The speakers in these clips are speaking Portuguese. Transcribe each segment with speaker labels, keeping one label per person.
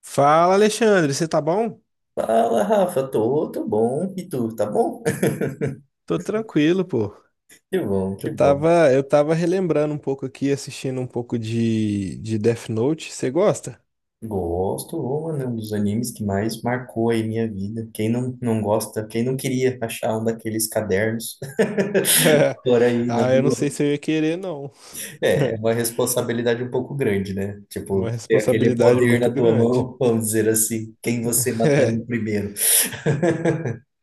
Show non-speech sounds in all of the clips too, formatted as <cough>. Speaker 1: Fala, Alexandre, você tá bom?
Speaker 2: Fala, Rafa, tô bom. E tu, tá bom? <laughs>
Speaker 1: Tô tranquilo, pô.
Speaker 2: Que bom, que
Speaker 1: Eu
Speaker 2: bom.
Speaker 1: tava, eu tava relembrando um pouco aqui, assistindo um pouco de Death Note. Você gosta?
Speaker 2: Gosto, ô, mano, é um dos animes que mais marcou aí minha vida. Quem não gosta, quem não queria achar um daqueles cadernos <laughs>
Speaker 1: <laughs>
Speaker 2: por aí na
Speaker 1: Ah, eu não sei
Speaker 2: rua?
Speaker 1: se eu ia querer, não.
Speaker 2: É
Speaker 1: <laughs>
Speaker 2: uma responsabilidade um pouco grande, né?
Speaker 1: É
Speaker 2: Tipo,
Speaker 1: uma
Speaker 2: ter aquele
Speaker 1: responsabilidade
Speaker 2: poder na
Speaker 1: muito
Speaker 2: tua
Speaker 1: grande.
Speaker 2: mão, <laughs> vamos dizer assim, quem você
Speaker 1: <laughs> É,
Speaker 2: mataria primeiro.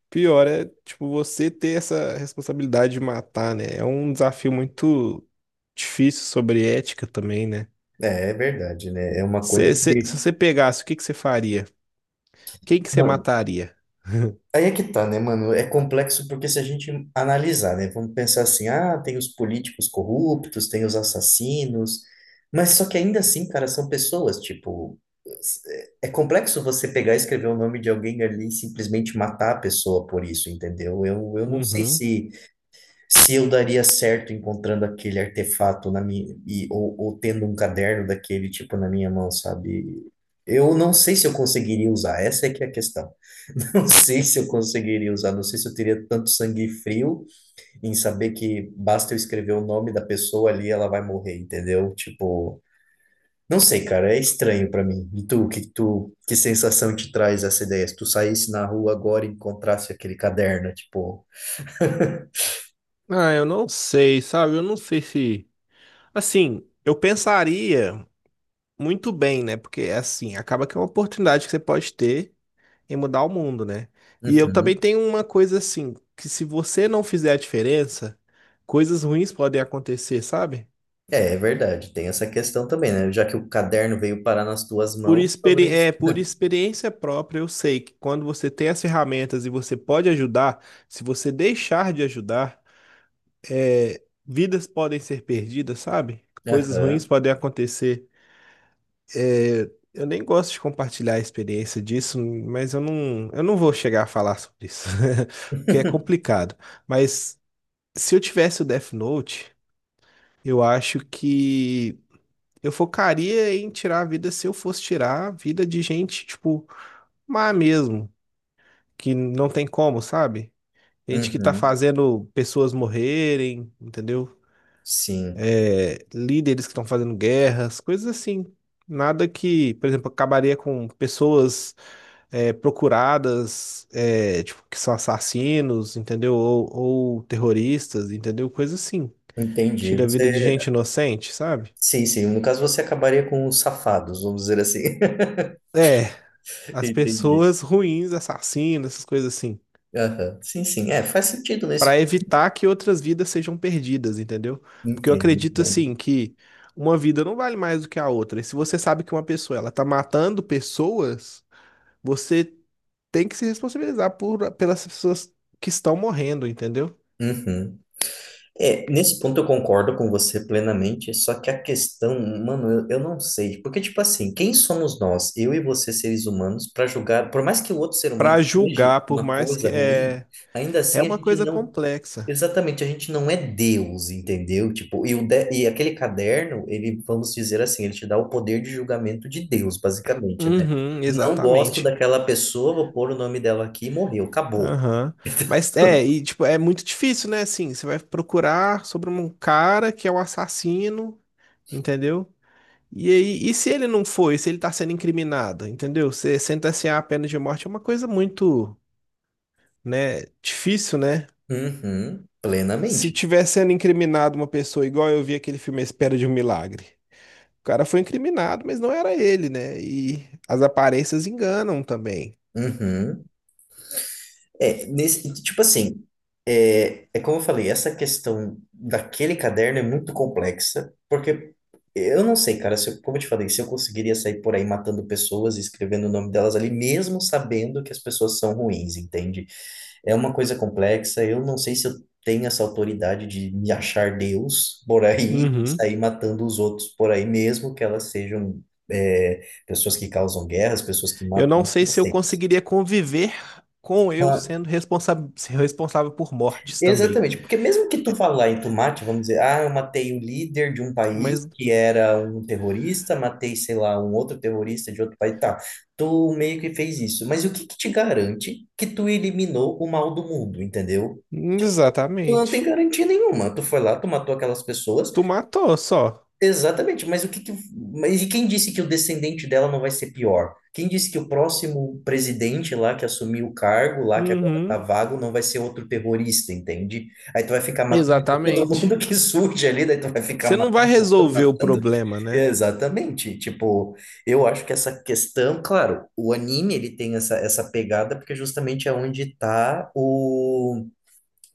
Speaker 1: pior é, tipo, você ter essa responsabilidade de matar, né? É um desafio muito difícil sobre ética também, né?
Speaker 2: É verdade, né? É uma coisa que,
Speaker 1: Se você pegasse, o que que você faria? Quem que você
Speaker 2: mano,
Speaker 1: mataria? <laughs>
Speaker 2: aí é que tá, né, mano? É complexo porque se a gente analisar, né, vamos pensar assim, tem os políticos corruptos, tem os assassinos, mas só que ainda assim, cara, são pessoas, tipo, é complexo você pegar e escrever o nome de alguém ali e simplesmente matar a pessoa por isso, entendeu? Eu não sei
Speaker 1: Uhum.
Speaker 2: se eu daria certo encontrando aquele artefato na minha ou tendo um caderno daquele tipo na minha mão, sabe? Eu não sei se eu conseguiria usar, essa é que é a questão. <laughs> Não sei se eu conseguiria usar, não sei se eu teria tanto sangue frio em saber que basta eu escrever o nome da pessoa ali, ela vai morrer, entendeu? Tipo, não sei, cara, é estranho pra mim. E tu, que sensação te traz essa ideia? Se tu saísse na rua agora e encontrasse aquele caderno, tipo,
Speaker 1: Ah, eu não sei, sabe? Eu não sei se. Assim, eu pensaria muito bem, né? Porque, assim, acaba que é uma oportunidade que você pode ter em mudar o mundo, né? E eu
Speaker 2: uhum.
Speaker 1: também tenho uma coisa assim, que se você não fizer a diferença, coisas ruins podem acontecer, sabe?
Speaker 2: É verdade, tem essa questão também, né? Já que o caderno veio parar nas tuas mãos, talvez.
Speaker 1: É, por experiência própria, eu sei que quando você tem as ferramentas e você pode ajudar, se você deixar de ajudar, é, vidas podem ser perdidas, sabe? Coisas ruins
Speaker 2: Aham.
Speaker 1: podem acontecer. Eu nem gosto de compartilhar a experiência disso, mas eu não vou chegar a falar sobre isso, <laughs> porque é
Speaker 2: <laughs>
Speaker 1: complicado. Mas se eu tivesse o Death Note, eu acho que eu focaria em tirar a vida se eu fosse tirar a vida de gente, tipo, má mesmo, que não tem como, sabe? Gente que tá
Speaker 2: Uhum.
Speaker 1: fazendo pessoas morrerem, entendeu?
Speaker 2: Sim,
Speaker 1: É, líderes que estão fazendo guerras, coisas assim. Nada que, por exemplo, acabaria com pessoas é, procuradas, é, tipo, que são assassinos, entendeu? Ou terroristas, entendeu? Coisa assim.
Speaker 2: entendi.
Speaker 1: Tira a vida de
Speaker 2: Você.
Speaker 1: gente inocente, sabe?
Speaker 2: Sim, sim. No caso, você acabaria com os safados, vamos dizer assim.
Speaker 1: É,
Speaker 2: <laughs>
Speaker 1: as
Speaker 2: Entendi.
Speaker 1: pessoas <laughs> ruins, assassinos, essas coisas assim.
Speaker 2: Aham. Sim, sim. É, faz sentido
Speaker 1: Pra
Speaker 2: nesse.
Speaker 1: evitar que outras vidas sejam perdidas, entendeu? Porque eu
Speaker 2: Entendo,
Speaker 1: acredito,
Speaker 2: entendo.
Speaker 1: assim, que uma vida não vale mais do que a outra. E se você sabe que uma pessoa, ela tá matando pessoas, você tem que se responsabilizar por, pelas pessoas que estão morrendo, entendeu?
Speaker 2: Uhum. É, nesse ponto eu concordo com você plenamente, só que a questão, mano, eu não sei, porque tipo assim, quem somos nós, eu e você seres humanos, para julgar, por mais que o outro ser humano
Speaker 1: Para
Speaker 2: seja
Speaker 1: julgar, por
Speaker 2: uma
Speaker 1: mais que
Speaker 2: coisa ruim,
Speaker 1: é,
Speaker 2: ainda
Speaker 1: é
Speaker 2: assim a
Speaker 1: uma
Speaker 2: gente
Speaker 1: coisa
Speaker 2: não,
Speaker 1: complexa.
Speaker 2: exatamente, a gente não é Deus, entendeu? Tipo, e aquele caderno, ele, vamos dizer assim, ele te dá o poder de julgamento de Deus, basicamente, né?
Speaker 1: Uhum,
Speaker 2: Não gosto
Speaker 1: exatamente.
Speaker 2: daquela pessoa, vou pôr o nome dela aqui e morreu, acabou.
Speaker 1: Aham.
Speaker 2: <laughs>
Speaker 1: Mas é, e tipo, é muito difícil, né? Assim, você vai procurar sobre um cara que é um assassino, entendeu? E aí, e se ele não foi, se ele tá sendo incriminado, entendeu? Você sentenciar a pena de morte é uma coisa muito, né, difícil, né?
Speaker 2: Uhum,
Speaker 1: Se
Speaker 2: plenamente.
Speaker 1: tiver sendo incriminado uma pessoa igual eu vi aquele filme A Espera de um Milagre. O cara foi incriminado, mas não era ele, né? E as aparências enganam também.
Speaker 2: Uhum. É, nesse, tipo assim, é como eu falei, essa questão daquele caderno é muito complexa, porque eu não sei, cara, se eu- como eu te falei, se eu conseguiria sair por aí matando pessoas e escrevendo o nome delas ali, mesmo sabendo que as pessoas são ruins, entende? É uma coisa complexa, eu não sei se eu tenho essa autoridade de me achar Deus por aí e
Speaker 1: Uhum.
Speaker 2: sair matando os outros por aí, mesmo que elas sejam, é, pessoas que causam guerras, pessoas que
Speaker 1: Eu
Speaker 2: matam,
Speaker 1: não sei
Speaker 2: não
Speaker 1: se eu
Speaker 2: sei.
Speaker 1: conseguiria conviver com eu
Speaker 2: Ah,
Speaker 1: sendo responsável por mortes também.
Speaker 2: exatamente, porque mesmo que tu falar em tu mate, vamos dizer, ah, eu matei o líder de um país
Speaker 1: Mas,
Speaker 2: que era um terrorista, matei, sei lá, um outro terrorista de outro país, tá, tu meio que fez isso, mas o que que te garante que tu eliminou o mal do mundo, entendeu? Tu não tem
Speaker 1: exatamente.
Speaker 2: garantia nenhuma, tu foi lá, tu matou aquelas pessoas,
Speaker 1: Tu matou só.
Speaker 2: exatamente, mas e quem disse que o descendente dela não vai ser pior? Quem disse que o próximo presidente lá que assumiu o cargo, lá que agora tá
Speaker 1: Uhum.
Speaker 2: vago, não vai ser outro terrorista, entende? Aí tu vai ficar matando <laughs> todo mundo
Speaker 1: Exatamente.
Speaker 2: que surge ali, daí tu vai ficar
Speaker 1: Você não vai
Speaker 2: matando, matando,
Speaker 1: resolver o
Speaker 2: matando.
Speaker 1: problema, né?
Speaker 2: Exatamente. Tipo, eu acho que essa questão, claro, o anime ele tem essa pegada porque justamente é onde tá o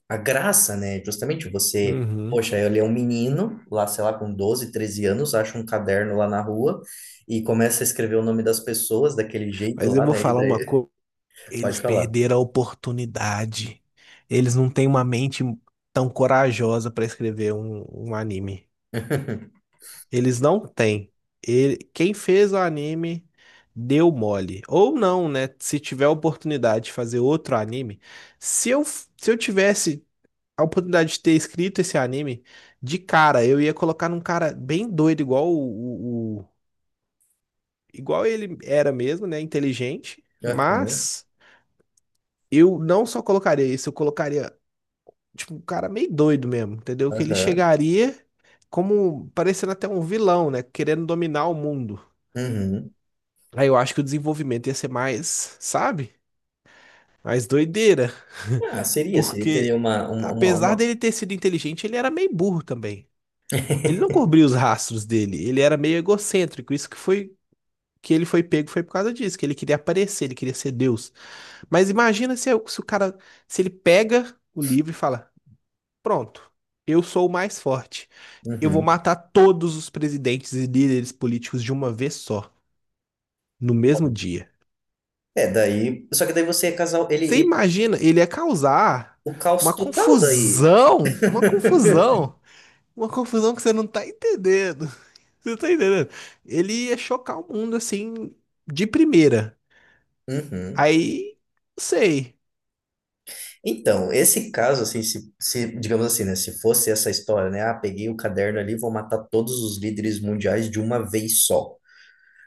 Speaker 2: a graça, né? Justamente você,
Speaker 1: Uhum.
Speaker 2: poxa, ele é um menino, lá, sei lá, com 12 13 anos, acha um caderno lá na rua e começa a escrever o nome das pessoas daquele jeito
Speaker 1: Mas eu
Speaker 2: lá,
Speaker 1: vou
Speaker 2: né? E
Speaker 1: falar uma
Speaker 2: daí,
Speaker 1: coisa.
Speaker 2: <laughs>
Speaker 1: Eles
Speaker 2: pode falar.
Speaker 1: perderam a oportunidade. Eles não têm uma mente tão corajosa para escrever um anime.
Speaker 2: <laughs>
Speaker 1: Eles não têm. Ele, quem fez o anime deu mole. Ou não, né? Se tiver a oportunidade de fazer outro anime, se eu tivesse a oportunidade de ter escrito esse anime, de cara, eu ia colocar num cara bem doido, igual igual ele era mesmo, né? Inteligente.
Speaker 2: Aham,
Speaker 1: Mas eu não só colocaria isso, eu colocaria, tipo, um cara meio doido mesmo, entendeu? Que ele
Speaker 2: aham,
Speaker 1: chegaria como parecendo até um vilão, né? Querendo dominar o mundo.
Speaker 2: uhum.
Speaker 1: Aí eu acho que o desenvolvimento ia ser mais, sabe? Mais doideira.
Speaker 2: Ah,
Speaker 1: <laughs>
Speaker 2: seria, seria, teria
Speaker 1: Porque,
Speaker 2: uma, uma, uma,
Speaker 1: apesar
Speaker 2: uma-
Speaker 1: dele ter sido inteligente, ele era meio burro também. Ele não
Speaker 2: <laughs>
Speaker 1: cobria os rastros dele, ele era meio egocêntrico. Isso que foi que ele foi pego foi por causa disso, que ele queria aparecer, ele queria ser Deus. Mas imagina se o cara, se ele pega o livro e fala: "Pronto, eu sou o mais forte. Eu vou
Speaker 2: Uhum.
Speaker 1: matar todos os presidentes e líderes políticos de uma vez só, no mesmo dia."
Speaker 2: É, daí, só que daí você é casal, ele,
Speaker 1: Você
Speaker 2: ele-
Speaker 1: imagina, ele ia causar
Speaker 2: O caos
Speaker 1: uma
Speaker 2: total daí.
Speaker 1: confusão, uma
Speaker 2: <laughs>
Speaker 1: confusão, uma confusão que você não tá entendendo. <laughs> Você não tá entendendo? Ele ia chocar o mundo assim, de primeira.
Speaker 2: Uhum.
Speaker 1: Aí, não sei.
Speaker 2: Então, esse caso, assim, se, digamos assim, né, se fosse essa história, né, ah, peguei o caderno ali, vou matar todos os líderes mundiais de uma vez só.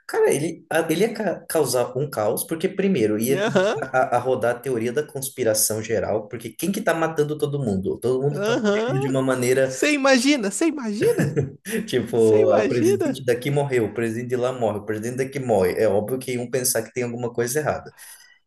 Speaker 2: Cara, ele ia causar um caos, porque primeiro ia
Speaker 1: Aham,
Speaker 2: começar a rodar a teoria da conspiração geral, porque quem que tá matando todo mundo? Todo mundo tá morrendo de
Speaker 1: aham.
Speaker 2: uma maneira,
Speaker 1: Você imagina, você imagina,
Speaker 2: <laughs>
Speaker 1: você
Speaker 2: tipo, "Ah, o presidente
Speaker 1: imagina.
Speaker 2: daqui morreu, o presidente de lá morre, o presidente daqui morre. É óbvio que iam pensar que tem alguma coisa errada."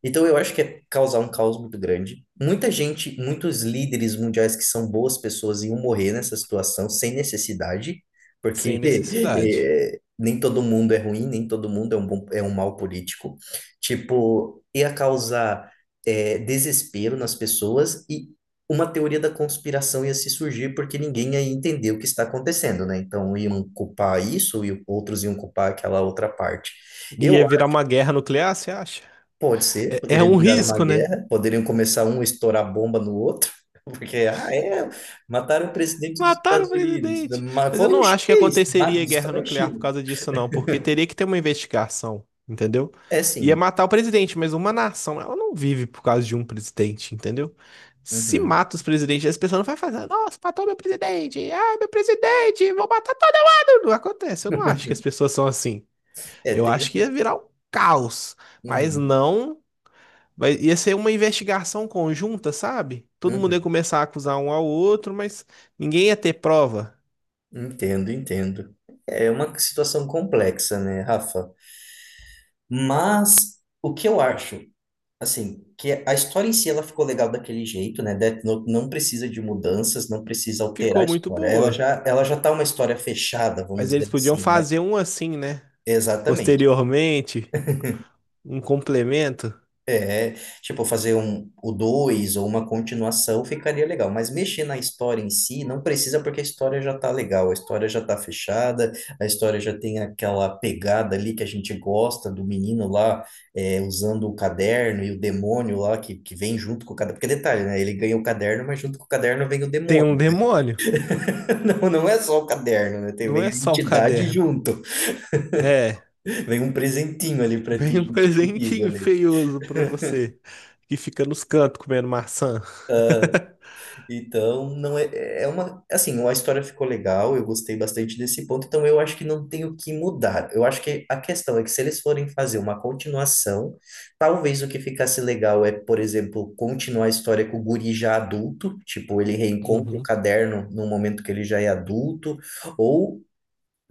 Speaker 2: Então eu acho que é causar um caos muito grande. Muita gente, muitos líderes mundiais que são boas pessoas iam morrer nessa situação sem necessidade, porque
Speaker 1: Sem
Speaker 2: <laughs>
Speaker 1: necessidade.
Speaker 2: nem todo mundo é ruim, nem todo mundo é um bom, é um mau político. Tipo, ia causar desespero nas pessoas e uma teoria da conspiração ia se surgir porque ninguém ia entender o que está acontecendo, né? Então iam culpar isso e outros iam culpar aquela outra parte. Eu
Speaker 1: Ia virar uma guerra nuclear, você acha?
Speaker 2: pode ser,
Speaker 1: É, é
Speaker 2: poderia
Speaker 1: um
Speaker 2: virar uma
Speaker 1: risco, né?
Speaker 2: guerra, poderiam começar um a estourar bomba no outro, <laughs> porque, ah, é, mataram o presidente dos
Speaker 1: Mataram o
Speaker 2: Estados Unidos,
Speaker 1: presidente.
Speaker 2: mas
Speaker 1: Mas eu
Speaker 2: foi o
Speaker 1: não acho que
Speaker 2: chinês, ah,
Speaker 1: aconteceria guerra
Speaker 2: destrói a
Speaker 1: nuclear por
Speaker 2: China.
Speaker 1: causa disso, não, porque teria que ter uma investigação, entendeu?
Speaker 2: É
Speaker 1: Ia
Speaker 2: sim,
Speaker 1: matar o presidente, mas uma nação, ela não vive por causa de um presidente, entendeu? Se
Speaker 2: uhum.
Speaker 1: mata os presidentes, as pessoas não vai fazer, nossa, matou meu presidente, ah, meu presidente, vou matar todo mundo. Não acontece, eu não acho que as pessoas são assim.
Speaker 2: É,
Speaker 1: Eu
Speaker 2: tem
Speaker 1: acho que
Speaker 2: essa.
Speaker 1: ia virar um caos, mas
Speaker 2: Uhum,
Speaker 1: não. Ia ser uma investigação conjunta, sabe? Todo mundo
Speaker 2: uhum.
Speaker 1: ia começar a acusar um ao outro, mas ninguém ia ter prova.
Speaker 2: Entendo, entendo. É uma situação complexa, né, Rafa? Mas o que eu acho? Assim, que a história em si ela ficou legal daquele jeito, né? Death Note não precisa de mudanças, não precisa alterar a
Speaker 1: Ficou muito
Speaker 2: história. Ela
Speaker 1: boa.
Speaker 2: já, ela já tá uma história fechada,
Speaker 1: Mas
Speaker 2: vamos
Speaker 1: eles
Speaker 2: dizer
Speaker 1: podiam
Speaker 2: assim, né?
Speaker 1: fazer um assim, né?
Speaker 2: Exatamente.
Speaker 1: Posteriormente, um complemento.
Speaker 2: É, tipo, fazer um, o dois ou uma continuação ficaria legal, mas mexer na história em si não precisa porque a história já tá legal, a história já tá fechada, a história já tem aquela pegada ali que a gente gosta do menino lá é, usando o caderno e o demônio lá que vem junto com o caderno, porque detalhe, né? Ele ganha o caderno, mas junto com o caderno vem o
Speaker 1: Tem
Speaker 2: demônio.
Speaker 1: um demônio.
Speaker 2: <laughs> Não é só o caderno, né? Tem,
Speaker 1: Não
Speaker 2: vem
Speaker 1: é
Speaker 2: a
Speaker 1: só o
Speaker 2: entidade
Speaker 1: caderno.
Speaker 2: junto,
Speaker 1: É,
Speaker 2: vem um presentinho ali pra ti
Speaker 1: vem um <laughs>
Speaker 2: junto contigo
Speaker 1: presentinho
Speaker 2: ali.
Speaker 1: feioso pra você, que fica nos cantos comendo maçã. <laughs>
Speaker 2: Então, não é, é uma, assim, a história ficou legal, eu gostei bastante desse ponto, então eu acho que não tem o que mudar. Eu acho que a questão é que se eles forem fazer uma continuação, talvez o que ficasse legal é, por exemplo, continuar a história com o guri já adulto, tipo, ele reencontra o
Speaker 1: Uhum,
Speaker 2: caderno no momento que ele já é adulto, ou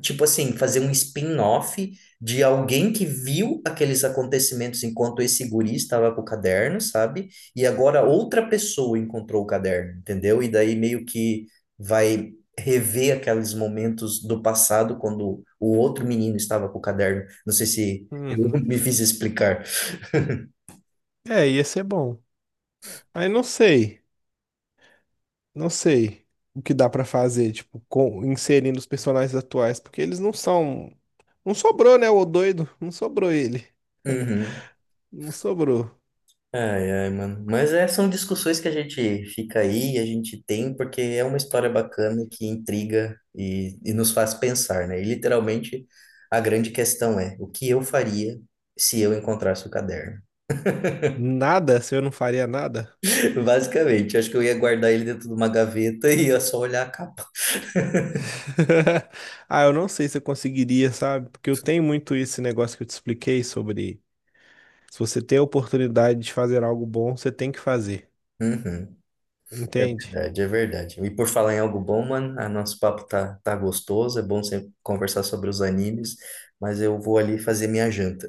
Speaker 2: tipo assim, fazer um spin-off de alguém que viu aqueles acontecimentos enquanto esse guri estava com o caderno, sabe? E agora outra pessoa encontrou o caderno, entendeu? E daí meio que vai rever aqueles momentos do passado quando o outro menino estava com o caderno. Não sei se eu <laughs>
Speaker 1: uhum.
Speaker 2: me fiz explicar.
Speaker 1: É, ia ser bom. Aí não sei. Não sei o que dá pra fazer, tipo, com, inserindo os personagens atuais, porque eles não são. Não sobrou, né, o doido? Não sobrou ele.
Speaker 2: Uhum.
Speaker 1: Não sobrou.
Speaker 2: Ai, ai, mano. Mas é, são discussões que a gente fica aí, a gente tem, porque é uma história bacana que intriga e nos faz pensar, né? E literalmente a grande questão é o que eu faria se eu encontrasse o caderno?
Speaker 1: Nada, se eu não faria nada.
Speaker 2: <laughs> Basicamente, acho que eu ia guardar ele dentro de uma gaveta e ia só olhar a capa.
Speaker 1: <laughs> Ah, eu não sei se eu conseguiria, sabe? Porque eu tenho muito esse negócio que eu te expliquei sobre se você tem a oportunidade de fazer algo bom, você tem que fazer.
Speaker 2: Uhum. É
Speaker 1: Entende?
Speaker 2: verdade, é verdade. E por falar em algo bom, mano, a nosso papo tá gostoso, é bom sempre conversar sobre os animes, mas eu vou ali fazer minha janta.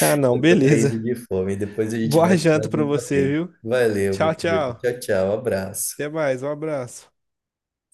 Speaker 1: Ah, não,
Speaker 2: Eu tô caindo
Speaker 1: beleza.
Speaker 2: de fome, depois a gente
Speaker 1: Boa
Speaker 2: bate
Speaker 1: janta
Speaker 2: mais
Speaker 1: pra
Speaker 2: um
Speaker 1: você,
Speaker 2: papinho.
Speaker 1: viu?
Speaker 2: Valeu,
Speaker 1: Tchau,
Speaker 2: meu querido.
Speaker 1: tchau.
Speaker 2: Tchau, tchau, abraço.
Speaker 1: Até mais, um abraço.